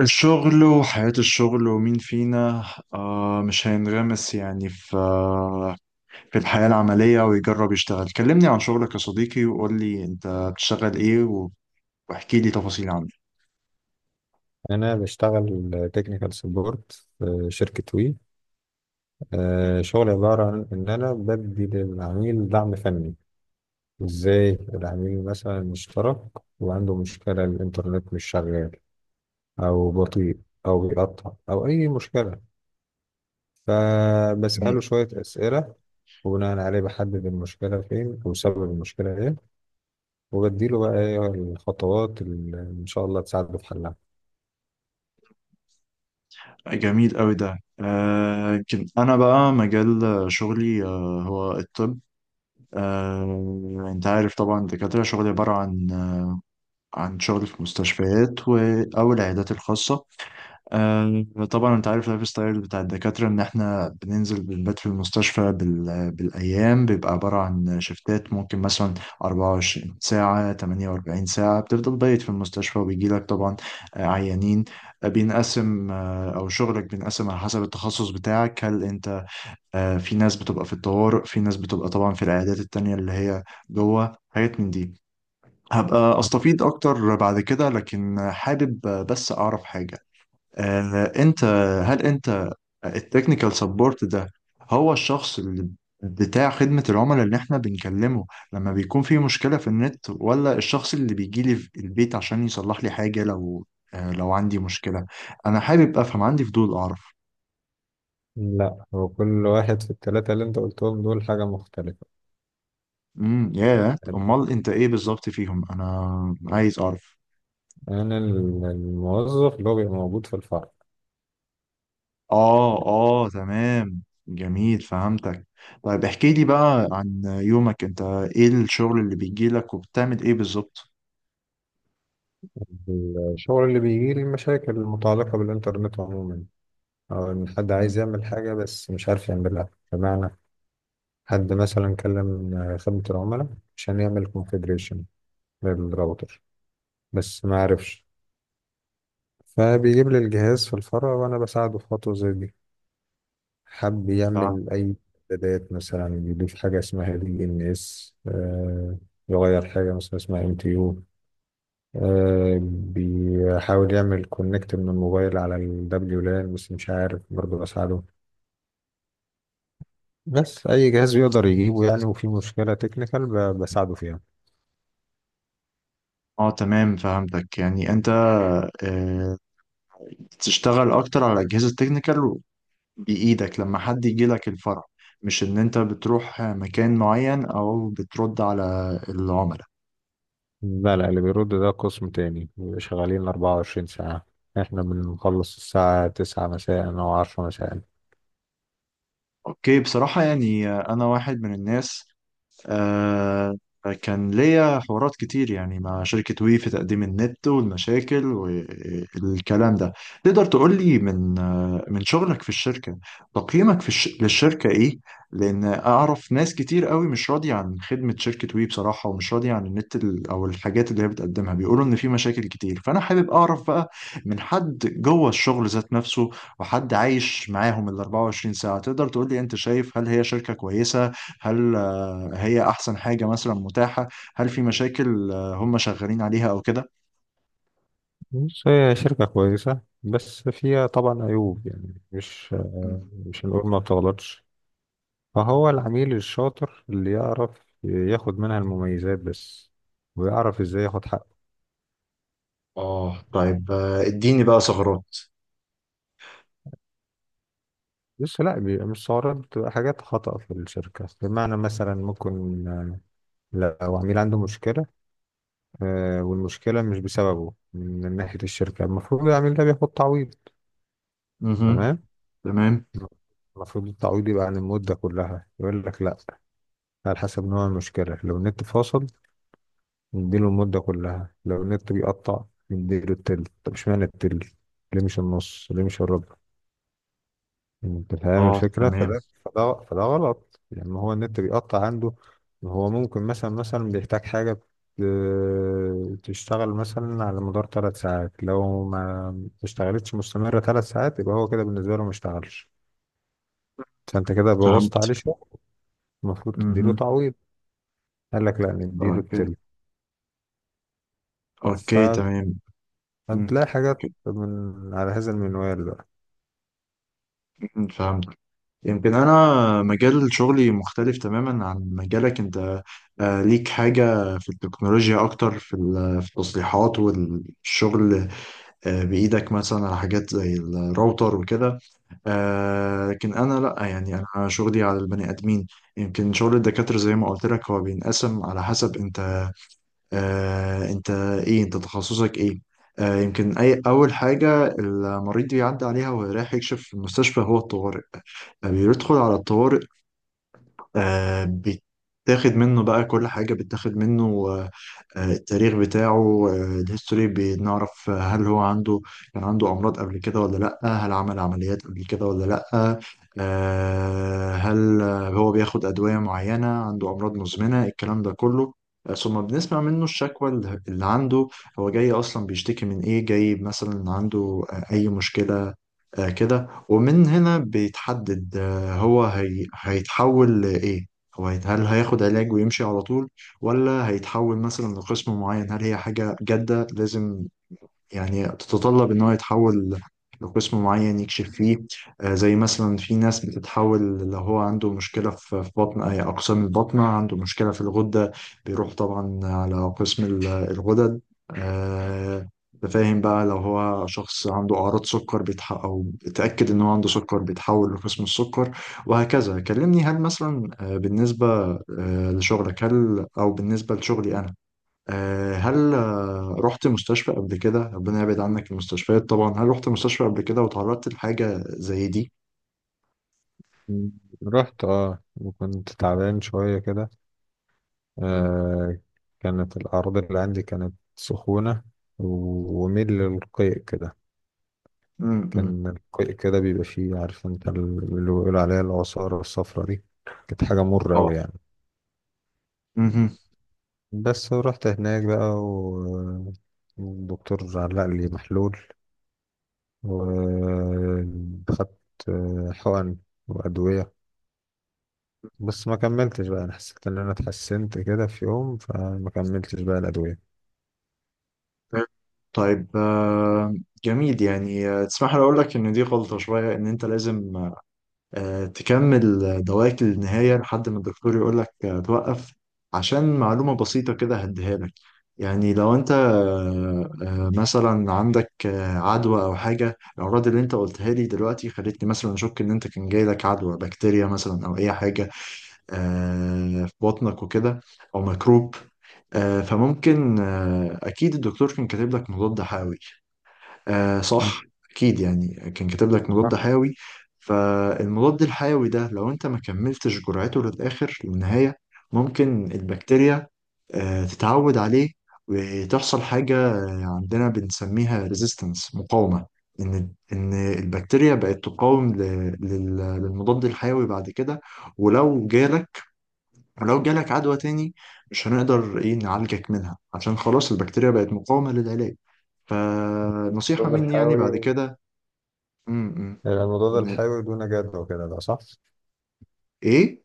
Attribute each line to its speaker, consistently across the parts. Speaker 1: الشغل وحياة الشغل ومين فينا مش هينغمس يعني في الحياة العملية ويجرب يشتغل. كلمني عن شغلك يا صديقي وقول لي انت بتشتغل ايه واحكي لي تفاصيل عنه.
Speaker 2: أنا بشتغل تكنيكال سبورت في شركة وي. شغلي عبارة عن إن أنا بدي للعميل دعم فني. إزاي العميل مثلا مشترك وعنده مشكلة الإنترنت مش شغال، أو بطيء، أو بيقطع، أو أي مشكلة،
Speaker 1: جميل.
Speaker 2: فبسأله شوية أسئلة وبناء عليه بحدد المشكلة فين أو سبب المشكلة إيه، وبديله بقى إيه الخطوات اللي إن شاء الله تساعده في حلها.
Speaker 1: جميل قوي ده. يمكن انا بقى مجال شغلي هو الطب. انت عارف طبعا الدكاترة، شغلي عبارة عن عن شغل في مستشفيات او العيادات الخاصة. آه، طبعا انت عارف اللايف ستايل بتاع الدكاترة ان احنا بننزل بنبات في المستشفى بالايام. بيبقى عبارة عن شفتات، ممكن مثلا 24 ساعة، 48 ساعة بتفضل بايت في المستشفى، وبيجيلك طبعا عيانين. آه، بينقسم آه، او شغلك بينقسم على حسب التخصص بتاعك. هل انت في ناس بتبقى في الطوارئ، في ناس بتبقى طبعا في العيادات التانية اللي هي جوه، حاجات من دي. هبقى استفيض اكتر بعد كده، لكن حابب بس اعرف حاجة. آه، انت هل انت التكنيكال سبورت ده هو الشخص اللي بتاع خدمة العملاء اللي احنا بنكلمه لما بيكون في مشكلة في النت، ولا الشخص اللي بيجي لي في البيت عشان يصلح لي حاجة لو لو عندي مشكلة؟ انا حابب افهم، عندي فضول اعرف.
Speaker 2: لا، هو كل واحد في التلاتة اللي أنت قلتهم دول حاجة مختلفة.
Speaker 1: يا امال انت ايه بالظبط فيهم؟ انا عايز اعرف.
Speaker 2: أنا الموظف اللي هو بيبقى موجود في الفرع.
Speaker 1: اه، اه، تمام. جميل، فهمتك. طيب احكي لي بقى عن يومك انت، ايه الشغل اللي بيجي لك وبتعمل ايه بالظبط؟
Speaker 2: الشغل اللي بيجي لي المشاكل المتعلقة بالإنترنت عموما، أو إن حد عايز يعمل حاجة بس مش عارف يعملها. بمعنى حد مثلا كلم خدمة العملاء عشان يعمل كونفيجريشن للراوتر بس ما عرفش، فبيجيب لي الجهاز في الفرع وأنا بساعده في خطوة زي دي. حب
Speaker 1: فاهم.
Speaker 2: يعمل أي إعدادات، مثلا يضيف حاجة اسمها دي إن إس، يغير حاجة مثلا اسمها ام تي يو، بيحاول يعمل كونكت من الموبايل على الدبليو لان بس مش عارف، برضه بساعده. بس اي جهاز بيقدر يجيبه يعني وفي مشكلة تكنيكال بساعده فيها.
Speaker 1: اه تمام، فهمتك. يعني انت آه، تشتغل اكتر على اجهزه تكنيكال بايدك لما حد يجي لك الفرع، مش ان انت بتروح مكان معين او بترد على العملاء.
Speaker 2: لا، اللي بيرد ده قسم تاني، بيبقى شغالين 24 ساعة. احنا بنخلص الساعة 9 مساء او 10 مساء.
Speaker 1: اوكي. بصراحه يعني، انا واحد من الناس آه كان ليا حوارات كتير يعني مع شركة وي في تقديم النت والمشاكل والكلام ده. تقدر تقول لي من من شغلك في الشركة تقييمك في للشركة ايه؟ لان اعرف ناس كتير قوي مش راضية عن خدمة شركة وي بصراحة، ومش راضية عن او الحاجات اللي هي بتقدمها، بيقولوا ان في مشاكل كتير. فانا حابب اعرف بقى من حد جوه الشغل ذات نفسه وحد عايش معاهم ال 24 ساعة، تقدر تقول لي انت شايف هل هي شركة كويسة؟ هل هي احسن حاجة مثلا متاحة؟ هل في مشاكل هم شغالين عليها او كده؟
Speaker 2: بس هي شركة كويسة بس فيها طبعا عيوب، يعني مش
Speaker 1: مم.
Speaker 2: مش هنقول ما بتغلطش، فهو العميل الشاطر اللي يعرف ياخد منها المميزات بس، ويعرف ازاي ياخد حقه.
Speaker 1: اه طيب، اديني بقى ثغرات.
Speaker 2: لسه، لا، بيبقى مش سعرات، بتبقى حاجات خطأ في الشركة. بمعنى مثلا ممكن، لو عميل عنده مشكلة، والمشكلة مش بسببه من ناحية الشركة، المفروض العميل ده بياخد تعويض.
Speaker 1: مهم.
Speaker 2: تمام،
Speaker 1: تمام.
Speaker 2: المفروض التعويض يبقى عن المدة كلها. يقول لك لا، على حسب نوع المشكلة، لو النت فاصل نديله المدة كلها، لو النت بيقطع نديله التلت. طب اشمعنى التلت؟ ليه مش النص؟ ليه مش الربع؟ انت فاهم
Speaker 1: اه
Speaker 2: الفكرة،
Speaker 1: تمام،
Speaker 2: فده غلط. لما هو النت بيقطع عنده، هو ممكن مثلا بيحتاج حاجة تشتغل مثلا على مدار ثلاث ساعات، لو ما اشتغلتش مستمرة ثلاث ساعات يبقى هو كده بالنسبة له ما اشتغلش، فانت كده بوظت
Speaker 1: فهمت.
Speaker 2: عليه شغل. المفروض تديله
Speaker 1: مهم.
Speaker 2: تعويض. قال لك لا، نديله
Speaker 1: اوكي.
Speaker 2: التلت.
Speaker 1: اوكي تمام. مم.
Speaker 2: فبتلاقي حاجات من على هذا المنوال بقى.
Speaker 1: مم، فهمت. يمكن انا مجال شغلي مختلف تماما عن مجالك انت. ليك حاجة في التكنولوجيا اكتر في في التصليحات والشغل بايدك مثلا على حاجات زي الراوتر وكده. لكن انا لا، يعني انا شغلي على البني ادمين. يمكن شغل الدكاتره زي ما قلت لك هو بينقسم على حسب انت آه انت ايه انت تخصصك ايه. يمكن اي اول حاجه المريض بيعدي عليها وهو رايح يكشف في المستشفى هو الطوارئ. بيدخل على الطوارئ، آه، بتاخد منه بقى كل حاجة. بتاخد منه التاريخ بتاعه، الهيستوري، بنعرف هل هو عنده، كان عنده أمراض قبل كده ولا لأ، هل عمل عمليات قبل كده ولا لأ، آه، هل آه، هو بياخد أدوية معينة، عنده أمراض مزمنة، الكلام ده كله. ثم بنسمع منه الشكوى اللي عنده، هو جاي أصلا بيشتكي من إيه؟ جاي مثلا عنده أي مشكلة كده. ومن هنا بيتحدد هو هيتحول لإيه؟ هل هياخد علاج ويمشي على طول، ولا هيتحول مثلا لقسم معين؟ هل هي حاجة جادة لازم يعني تتطلب ان هو يتحول لقسم معين يكشف فيه؟ زي مثلا في ناس بتتحول لو هو عنده مشكلة في بطن، أي أقسام البطنة، عنده مشكلة في الغدة بيروح طبعا على قسم الغدد. آه، أنت فاهم بقى. لو هو شخص عنده أعراض سكر بيتح أو اتأكد إن هو عنده سكر بيتحول لقسم السكر، وهكذا. كلمني هل مثلا بالنسبة لشغلك، هل أو بالنسبة لشغلي أنا آه، هل آه، رحت مستشفى قبل كده؟ ربنا يبعد عنك المستشفيات طبعا. هل رحت مستشفى قبل كده وتعرضت لحاجة زي دي؟
Speaker 2: م. رحت، اه، وكنت تعبان شوية كده.
Speaker 1: مم.
Speaker 2: آه كانت الأعراض اللي عندي كانت سخونة وميل للقيء كده.
Speaker 1: مم، مم.
Speaker 2: كان القيء كده بيبقى فيه، عارف انت اللي بيقولوا عليها العصارة الصفرة دي، كانت حاجة مرة
Speaker 1: اه.
Speaker 2: أوي يعني.
Speaker 1: مهم.
Speaker 2: بس رحت هناك بقى والدكتور علق لي محلول، وخدت حقن وأدوية، بس ما كملتش بقى. أنا حسيت إن أنا اتحسنت كده في يوم فما كملتش بقى الأدوية.
Speaker 1: طيب، جميل. يعني تسمح لي اقول لك ان دي غلطة شوية، ان انت لازم تكمل دواك للنهاية لحد ما الدكتور يقول لك توقف. عشان معلومة بسيطة كده هديها لك، يعني لو انت مثلا عندك عدوى او حاجة. الأمراض اللي انت قلتها لي دلوقتي خلتني مثلا اشك ان انت كان جاي لك عدوى بكتيريا مثلا او اي حاجة في بطنك وكده، او ميكروب. فممكن اكيد الدكتور كان كاتب لك مضاد حيوي. صح. اكيد يعني كان كاتب لك
Speaker 2: صح.
Speaker 1: مضاد حيوي. فالمضاد الحيوي ده لو انت ما كملتش جرعته للاخر للنهايه، ممكن البكتيريا تتعود عليه، وتحصل حاجه عندنا بنسميها ريزيستنس، مقاومه. ان ان البكتيريا بقت تقاوم للمضاد الحيوي بعد كده. ولو جالك ولو جالك عدوى تاني مش هنقدر ايه نعالجك منها، عشان خلاص البكتيريا بقت مقاومه للعلاج. فنصيحه
Speaker 2: الحبوب
Speaker 1: مني يعني بعد
Speaker 2: الحيوي،
Speaker 1: كده. امم
Speaker 2: هيبقى المضاد
Speaker 1: ن-
Speaker 2: الحيوي دون جدوى كده، ده صح؟
Speaker 1: ايه.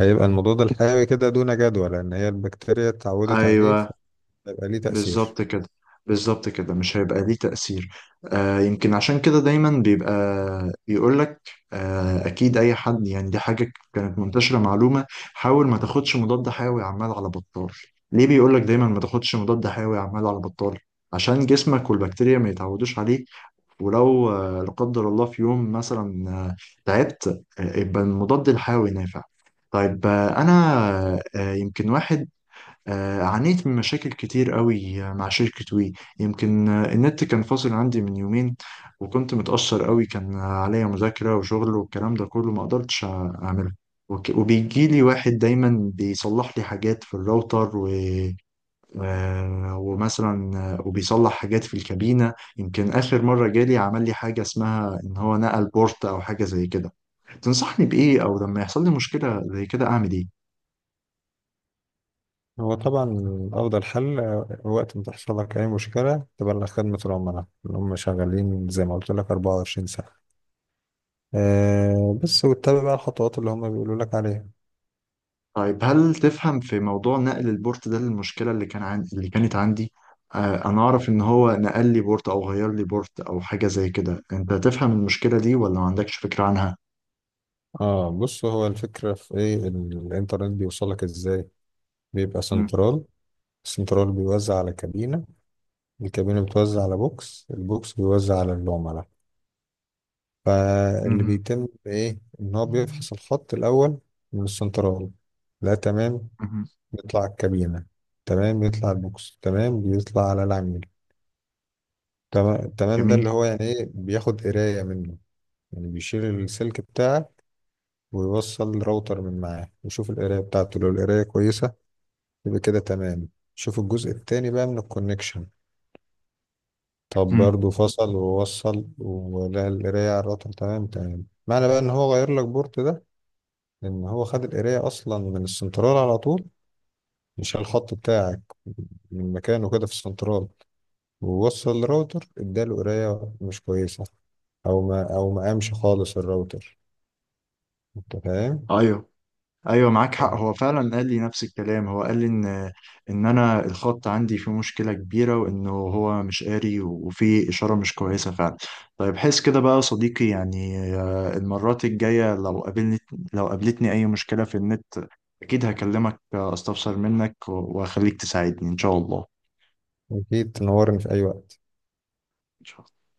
Speaker 2: هيبقى المضاد الحيوي كده دون جدوى لأن هي البكتيريا اتعودت عليه،
Speaker 1: ايوه،
Speaker 2: فهيبقى ليه تأثير.
Speaker 1: بالظبط كده. بالظبط كده، مش هيبقى ليه تأثير. يمكن عشان كده دايما بيبقى يقول لك اكيد، اي حد يعني. دي حاجة كانت منتشرة معلومة: حاول ما تاخدش مضاد حيوي عمال على بطال. ليه بيقول لك دايما ما تاخدش مضاد حيوي عمال على بطال؟ عشان جسمك والبكتيريا ما يتعودوش عليه. ولو لا قدر الله في يوم مثلا تعبت، يبقى المضاد الحيوي نافع. طيب انا آه، يمكن واحد آه، عانيت من مشاكل كتير قوي مع شركة وي. يمكن النت كان فاصل عندي من يومين، وكنت متأثر قوي، كان عليا مذاكرة وشغل والكلام ده كله ما قدرتش أعمله. وبيجيلي واحد دايما بيصلح لي حاجات في الراوتر و... آه، ومثلا آه، وبيصلح حاجات في الكابينة. يمكن آخر مرة جالي عمل لي حاجة اسمها إن هو نقل بورت أو حاجة زي كده. تنصحني بإيه أو لما يحصل لي مشكلة زي كده أعمل إيه؟
Speaker 2: هو طبعا أفضل حل، وقت ما تحصل لك أي مشكلة تبلغ خدمة العملاء، إن هم شغالين زي ما قلت لك 24 ساعة. بس واتبع بقى الخطوات اللي هم بيقولوا لك عليها.
Speaker 1: طيب هل تفهم في موضوع نقل البورت ده؟ المشكلة اللي كانت عندي أنا أعرف إن هو نقل لي بورت أو غير لي بورت أو حاجة زي كده، أنت تفهم المشكلة دي ولا ما عندكش فكرة عنها؟
Speaker 2: اه بص، هو الفكرة في ايه. الانترنت بيوصلك ازاي؟ بيبقى
Speaker 1: مم.
Speaker 2: سنترال، السنترال بيوزع على كابينة، الكابينة بتوزع على بوكس، البوكس بيوزع على العملاء. فاللي
Speaker 1: مم.
Speaker 2: بيتم ايه، ان هو
Speaker 1: مم.
Speaker 2: بيفحص الخط الاول من السنترال. لا، تمام، بيطلع الكابينة، تمام، بيطلع البوكس، تمام، بيطلع على العميل، تمام تمام. ده
Speaker 1: جميل.
Speaker 2: اللي هو يعني ايه، بياخد قراية منه، يعني بيشيل السلك بتاعه ويوصل راوتر من معاه يشوف القراية بتاعته. لو القراية كويسة يبقى كده تمام، شوف الجزء التاني بقى من الكونكشن. طب
Speaker 1: مم.
Speaker 2: برضه فصل ووصل ولقى القراية على الراوتر تمام تمام، معنى بقى ان هو غير لك بورت ده، لأن هو خد القراية أصلا من السنترال على طول، مش على الخط بتاعك. من مكانه كده في السنترال ووصل الراوتر، اداله قراية مش كويسة، أو ما أو ما قامش خالص الراوتر. أنت فاهم؟
Speaker 1: أيوه. ايوه، معاك حق، هو فعلا قال لي نفس الكلام. هو قال لي ان انا الخط عندي فيه مشكله كبيره وانه هو مش قاري وفي اشاره مش كويسه فعلا. طيب حس كده بقى يا صديقي. يعني المرات الجايه لو لو قابلتني اي مشكله في النت، اكيد هكلمك استفسر منك واخليك تساعدني ان شاء الله.
Speaker 2: فأكيد تنورني في أي وقت.
Speaker 1: إن شاء الله.